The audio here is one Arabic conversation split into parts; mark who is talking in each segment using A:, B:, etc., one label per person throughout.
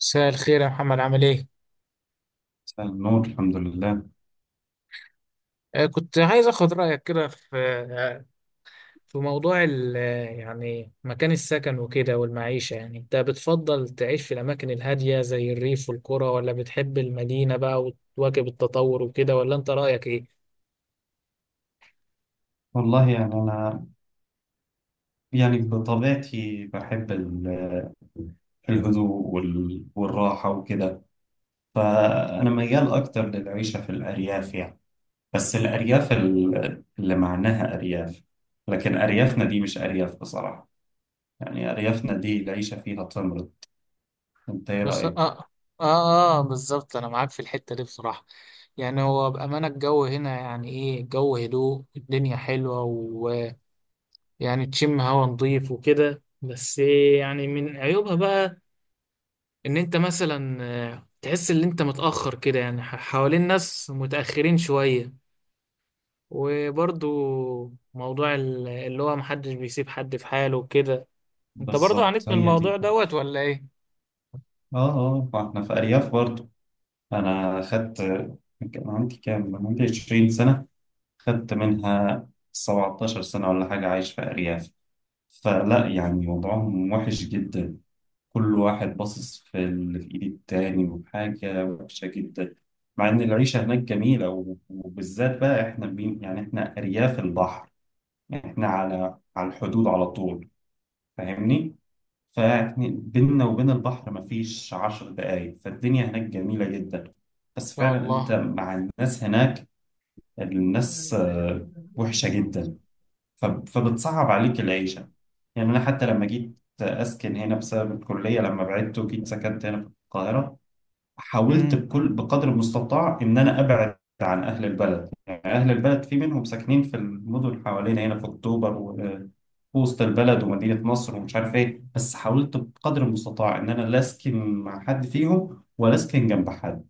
A: مساء الخير يا محمد، عامل ايه؟
B: مساء النور. الحمد لله.
A: كنت عايز اخد رأيك كده في آه، في موضوع يعني مكان السكن وكده والمعيشة. يعني انت بتفضل تعيش في الأماكن الهادية زي الريف والقرى، ولا بتحب المدينة بقى وتواكب التطور وكده، ولا انت رأيك ايه؟
B: والله يعني أنا، يعني بطبيعتي بحب الهدوء والراحة وكده. فأنا ميال أكتر للعيشة في الأرياف يعني. بس الأرياف اللي معناها أرياف، لكن أريافنا دي مش أرياف بصراحة. يعني أريافنا دي العيشة فيها تمرض. أنت إيه
A: بس اه
B: رأيك؟
A: اه اه بالظبط انا معاك في الحتة دي بصراحة. يعني هو بأمانة الجو هنا، يعني ايه، الجو هدوء، الدنيا حلوة، ويعني تشم هوا نضيف وكده. بس يعني من عيوبها بقى ان انت مثلا، تحس ان انت متأخر كده، يعني حوالين ناس متأخرين شوية. وبرضو موضوع اللي هو محدش بيسيب حد في حاله وكده. انت برضو
B: بالظبط،
A: عانيت من
B: هي دي،
A: الموضوع
B: اه،
A: دوت ولا ايه؟
B: اه. ما احنا في أرياف برضو. أنا خدت، كان عندي كام؟ كان عندي 20 سنة، خدت منها 17 سنة ولا حاجة عايش في أرياف. فلا يعني وضعهم وحش جدا. كل واحد باصص في اللي في إيد التاني، وحاجة وحشة جدا، مع إن العيشة هناك جميلة. وبالذات بقى إحنا بين، يعني إحنا أرياف البحر. يعني إحنا على الحدود على طول، فاهمني؟ فإحنا بيننا وبين البحر مفيش 10 دقايق، فالدنيا هناك جميلة جدا. بس
A: يا
B: فعلا أنت
A: الله.
B: مع الناس هناك، الناس وحشة جدا. فبتصعب عليك العيشة. يعني أنا حتى لما جيت أسكن هنا بسبب الكلية، لما بعدت وجيت سكنت هنا في القاهرة، حاولت
A: امم،
B: بكل، بقدر المستطاع، إن أنا أبعد عن أهل البلد. يعني أهل البلد في منهم ساكنين في المدن حوالينا هنا في أكتوبر وسط البلد ومدينة نصر ومش عارف إيه، بس حاولت بقدر المستطاع إن أنا لا أسكن مع حد فيهم ولا أسكن جنب حد.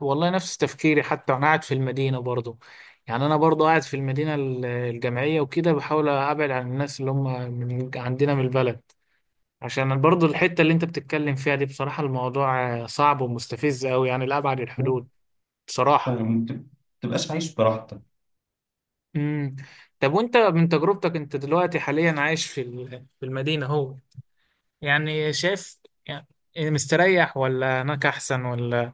A: والله نفس تفكيري، حتى انا قاعد في المدينة برضو. يعني انا برضو قاعد في المدينة الجامعية وكده، بحاول ابعد عن الناس اللي هم من عندنا من البلد، عشان برضو الحتة اللي انت بتتكلم فيها دي بصراحة الموضوع صعب ومستفز قوي، يعني لأبعد الحدود بصراحة.
B: فما تبقاش عايش براحتك.
A: امم. طب وانت من تجربتك، انت دلوقتي حاليا عايش في في المدينة اهو، يعني شايف، يعني مستريح ولا هناك احسن، ولا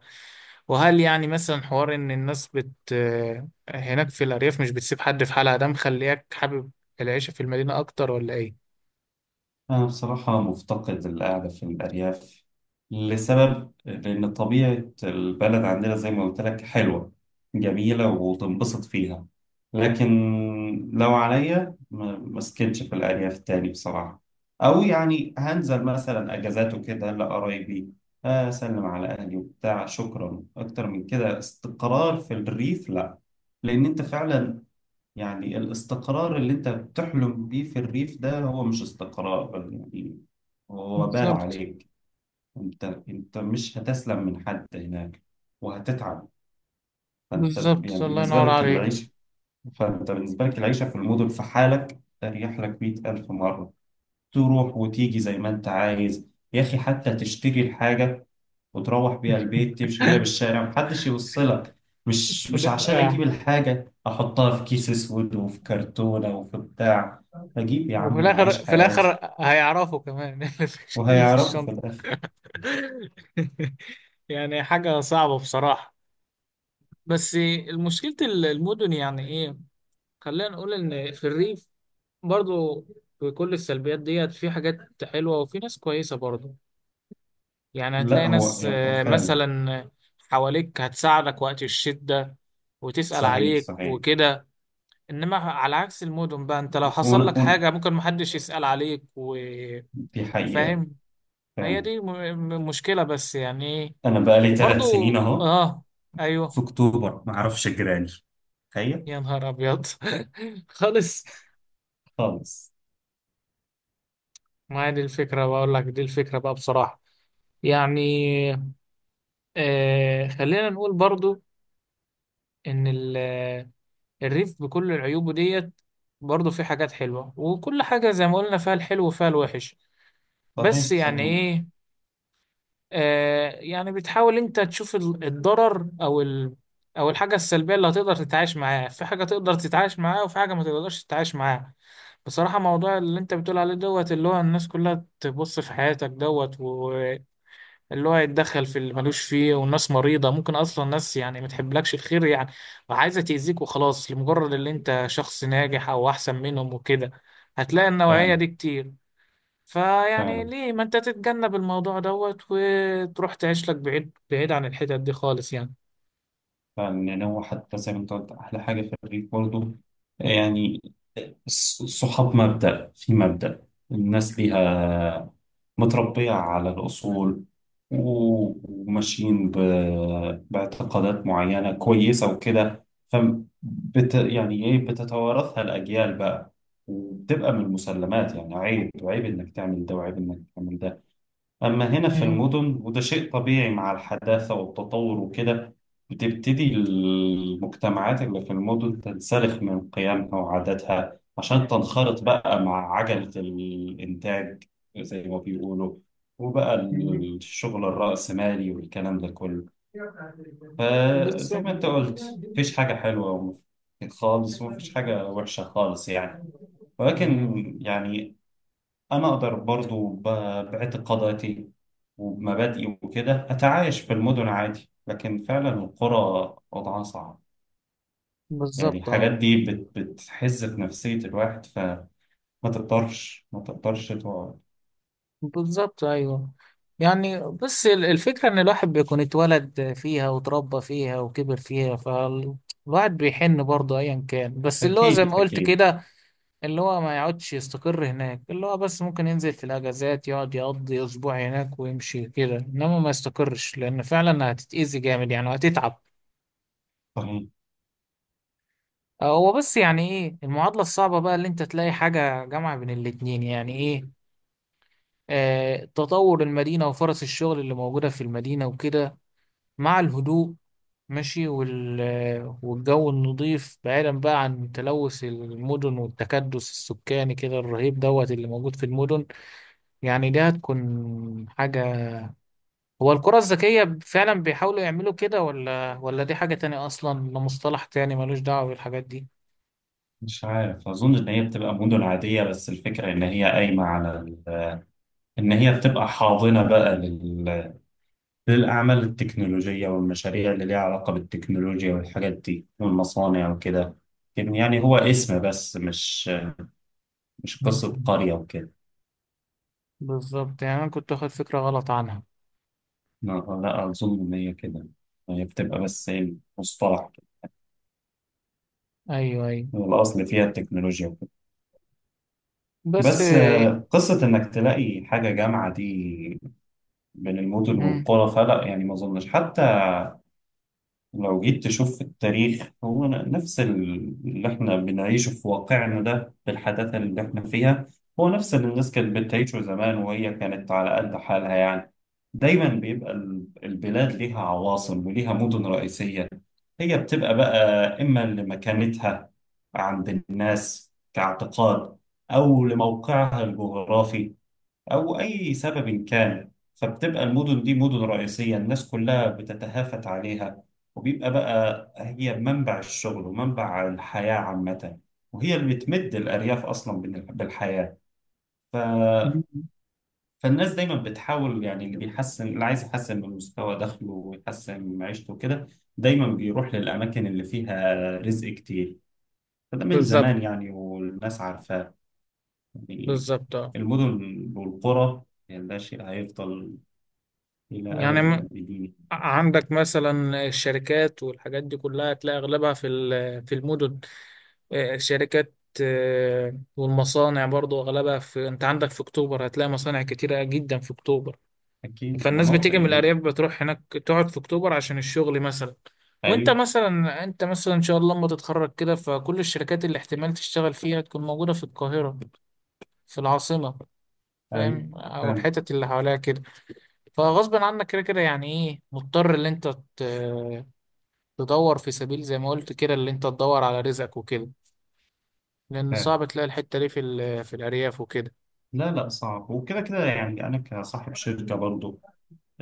A: وهل يعني مثلا حوار ان الناس بت آه، هناك في الأرياف مش بتسيب حد في حالها، ده مخليك حابب العيشة في المدينة اكتر ولا ايه؟
B: أنا بصراحة مفتقد القعدة في الأرياف، لسبب، لأن طبيعة البلد عندنا زي ما قلت لك حلوة جميلة وتنبسط فيها. لكن لو عليا ما اسكنش في الأرياف تاني بصراحة. أو يعني هنزل مثلا أجازات وكده لقرايبي، أسلم على أهلي وبتاع، شكرا. أكتر من كده استقرار في الريف لأ. لأن أنت فعلا، يعني الاستقرار اللي انت بتحلم بيه في الريف ده هو مش استقرار يعني، هو وبال
A: بالظبط.
B: عليك. انت مش هتسلم من حد هناك وهتتعب. فانت
A: بالظبط
B: يعني
A: الله
B: بالنسبة
A: ينور
B: لك
A: عليك.
B: العيشة، فانت بالنسبة لك العيشة في المدن في حالك اريح لك 100 ألف مرة. تروح وتيجي زي ما انت عايز. يا اخي، حتى تشتري الحاجة وتروح بيها البيت، تمشي بيها بالشارع محدش يوصلك. مش
A: ده
B: عشان اجيب
A: آه.
B: الحاجة احطها في كيس اسود وفي كرتونة وفي بتاع. اجيب يا
A: وفي
B: عم
A: الاخر،
B: واعيش
A: في
B: حياتي.
A: الاخر هيعرفوا كمان، إيه اللي في
B: وهيعرفوا في
A: الشنطه.
B: الاخر.
A: يعني حاجه صعبه بصراحه. بس مشكله المدن، يعني ايه، خلينا نقول ان في الريف برضو، في كل السلبيات ديت، في حاجات حلوه وفي ناس كويسه برضو. يعني
B: لا
A: هتلاقي
B: هو
A: ناس،
B: يعني فعلا،
A: مثلا حواليك هتساعدك وقت الشده وتسأل
B: صحيح
A: عليك
B: صحيح.
A: وكده، انما على عكس المدن بقى، انت لو
B: ون...
A: حصل لك
B: ون...
A: حاجة ممكن محدش يسأل عليك وفاهم.
B: دي حقيقة
A: هي
B: فعلا.
A: دي مشكلة، بس يعني ايه.
B: انا بقالي
A: وبرضو
B: 3 سنين اهو
A: اه،
B: في
A: ايوه.
B: اكتوبر معرفش جيراني، تخيل،
A: يا نهار ابيض. خالص.
B: خالص.
A: ما هي دي الفكرة، بقول لك دي الفكرة بقى بصراحة. يعني آه، خلينا نقول برضو ان الريف بكل عيوبه ديت، برضو في حاجات حلوة، وكل حاجة زي ما قلنا فيها الحلو وفيها الوحش، بس
B: صحيح
A: يعني
B: صحيح،
A: ايه. يعني بتحاول انت تشوف الضرر او ال... او الحاجه السلبيه اللي هتقدر تتعايش معاها، في حاجه تقدر تتعايش معاها وفي حاجه ما تقدرش تتعايش معاها. بصراحه موضوع اللي انت بتقول عليه دوت، اللي هو الناس كلها تبص في حياتك دوت، واللي هو يتدخل في اللي ملوش فيه، والناس مريضه، ممكن اصلا ناس يعني ما تحبلكش الخير، يعني وعايزه تاذيك وخلاص لمجرد اللي انت شخص ناجح او احسن منهم وكده. هتلاقي النوعيه
B: فعلا
A: دي كتير. فيعني
B: فعلا
A: ليه ما انت تتجنب الموضوع دوت، وتروح تعيش لك بعيد، بعيد عن الحتت دي خالص يعني.
B: فعلا. يعني هو حتى زي ما انت قلت، احلى حاجة في الريف برضه، يعني الصحاب مبدأ في مبدأ، الناس ليها متربية على الأصول، وماشيين باعتقادات معينة كويسة وكده. يعني إيه، بتتوارثها الأجيال بقى وبتبقى من المسلمات. يعني عيب، عيب إنك تعمل ده، وعيب إنك تعمل ده. أما هنا في
A: مم.
B: المدن، وده شيء طبيعي مع الحداثة والتطور وكده، بتبتدي المجتمعات اللي في المدن تنسلخ من قيمها وعاداتها عشان تنخرط بقى مع عجلة الإنتاج زي ما بيقولوا، وبقى
A: مم.
B: الشغل الرأسمالي والكلام ده كله. فزي
A: بالظبط.
B: ما أنت قلت، مفيش حاجة حلوة خالص ومفيش حاجة وحشة خالص يعني. ولكن
A: مم.
B: يعني أنا أقدر برضو باعتقاداتي ومبادئي وكده أتعايش في المدن عادي، لكن فعلا القرى وضعها صعب. يعني
A: بالظبط
B: الحاجات
A: اه.
B: دي بتحز في نفسية الواحد، فما تقدرش، ما تقدرش تقعد.
A: بالظبط ايوه. يعني بس الفكرة ان الواحد بيكون اتولد فيها وتربى فيها وكبر فيها، فالواحد بيحن برضه ايا كان، بس اللي هو زي ما
B: أكيد
A: قلت
B: أكيد.
A: كده، اللي هو ما يقعدش يستقر هناك، اللي هو بس ممكن ينزل في الأجازات، يقعد يقضي أسبوع هناك ويمشي كده، إنما ما يستقرش، لأن فعلا هتتأذي جامد يعني وهتتعب.
B: طيب،
A: هو بس يعني إيه المعادلة الصعبة بقى، اللي أنت تلاقي حاجة جامعة بين الاتنين، يعني إيه، آه تطور المدينة وفرص الشغل اللي موجودة في المدينة وكده، مع الهدوء ماشي، والجو النظيف، بعيدا بقى عن تلوث المدن والتكدس السكاني كده الرهيب دوت اللي موجود في المدن. يعني دي هتكون حاجة، هو الكرة الذكية فعلا بيحاولوا يعملوا كده، ولا دي حاجة تانية أصلا، ده مصطلح تاني ملوش دعوة بالحاجات دي؟
B: مش عارف، أظن إن هي بتبقى مدن عادية، بس الفكرة إن هي قايمة على إن هي بتبقى حاضنة بقى للأعمال التكنولوجية والمشاريع اللي ليها علاقة بالتكنولوجيا والحاجات دي والمصانع وكده. لكن يعني هو اسم بس، مش قصة
A: مم.
B: قرية وكده.
A: بالظبط، يعني أنا كنت واخد فكرة غلط عنها.
B: لا، لا، أظن إن هي كده، هي بتبقى بس إيه، مصطلح كده.
A: أيوه أيوه.
B: والأصل فيها التكنولوجيا وكده.
A: بس
B: بس قصة إنك تلاقي حاجة جامعة دي بين المدن
A: مم.
B: والقرى، فلا يعني ما أظنش. حتى لو جيت تشوف في التاريخ، هو نفس اللي احنا بنعيشه في واقعنا ده بالحداثة اللي احنا فيها، هو نفس اللي الناس كانت بتعيشه زمان وهي كانت على قد حالها يعني. دايما بيبقى البلاد ليها عواصم وليها مدن رئيسية. هي بتبقى بقى، إما لمكانتها عند الناس كاعتقاد، أو لموقعها الجغرافي، أو أي سبب كان. فبتبقى المدن دي مدن رئيسية الناس كلها بتتهافت عليها، وبيبقى بقى هي منبع الشغل ومنبع الحياة عامة، وهي اللي بتمد الأرياف أصلا بالحياة. ف... فالناس دايما بتحاول، يعني اللي بيحسن، اللي عايز يحسن من مستوى دخله ويحسن من معيشته كده، دايما بيروح للأماكن اللي فيها رزق كتير. فده من
A: بالظبط.
B: زمان يعني، والناس عارفاه. يعني
A: بالظبط اه.
B: المدن والقرى، يعني ده شيء هيفضل إلى
A: يعني
B: أبد الآبدين.
A: عندك مثلا الشركات والحاجات دي كلها هتلاقي أغلبها في في المدن. الشركات، والمصانع برضو أغلبها في، أنت عندك في أكتوبر هتلاقي مصانع كتيرة جدا في أكتوبر.
B: أكيد.
A: فالناس
B: مناطق
A: بتيجي من
B: يبقى.
A: الأرياف بتروح هناك تقعد في أكتوبر عشان الشغل مثلا. وأنت
B: أيوه،
A: مثلا، أنت مثلا إن شاء الله لما تتخرج كده، فكل الشركات اللي احتمال تشتغل فيها تكون موجودة في القاهرة، في العاصمة،
B: أيوه.
A: فاهم، أو
B: فعلا،
A: الحتت اللي حواليها كده. فغصب عنك كده كده، يعني إيه مضطر إن أنت ت- تدور في سبيل زي ما قلت كده، اللي أنت تدور على رزقك وكده، لأن
B: فعلا.
A: صعب تلاقي الحتة دي في في الأرياف وكده.
B: لا، لا، صعب. وكده كده يعني، أنا كصاحب شركة برضو،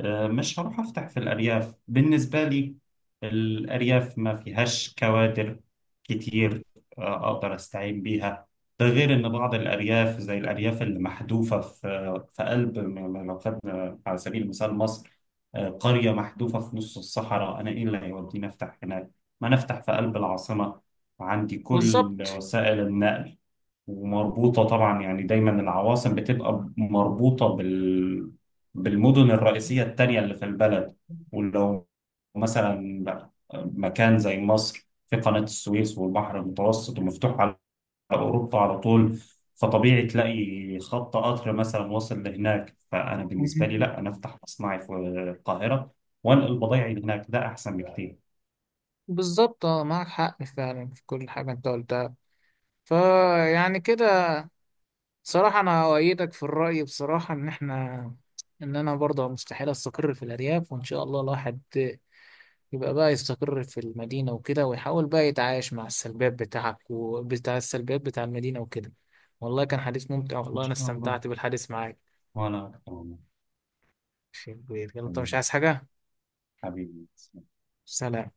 B: مش هروح أفتح في الأرياف. بالنسبة لي الأرياف ما فيهاش كوادر كتير أقدر أستعين بيها. ده غير إن بعض الأرياف، زي الأرياف اللي محذوفة في قلب، لو خدنا على سبيل المثال مصر، قرية محذوفة في نص الصحراء، أنا إيه اللي هيوديني أفتح هناك؟ ما نفتح في قلب العاصمة وعندي كل
A: بالظبط.
B: وسائل النقل، ومربوطة طبعا، يعني دايما العواصم بتبقى مربوطة بالمدن الرئيسية التانية اللي في البلد. ولو مثلا مكان زي مصر، في قناة السويس والبحر المتوسط ومفتوح على أوروبا على طول، فطبيعي تلاقي خط قطر مثلا واصل لهناك. فأنا بالنسبة لي لا، أنا أفتح مصنعي في القاهرة وأنقل بضايعي لهناك، ده أحسن بكتير.
A: بالظبط اه، معك حق فعلا في كل حاجة انت قلتها. فيعني كده صراحة أنا أؤيدك في الرأي بصراحة، إن إحنا، إن أنا برضه مستحيل أستقر في الأرياف، وإن شاء الله الواحد يبقى بقى يستقر في المدينة وكده، ويحاول بقى يتعايش مع السلبيات بتاعك وبتاع السلبيات بتاع المدينة وكده. والله كان حديث ممتع،
B: إن
A: والله أنا
B: شاء الله.
A: استمتعت بالحديث معاك.
B: وأنا أكتر والله.
A: شيء كبير. يلا أنت مش
B: حبيبي،
A: عايز حاجة؟
B: حبيبي.
A: سلام.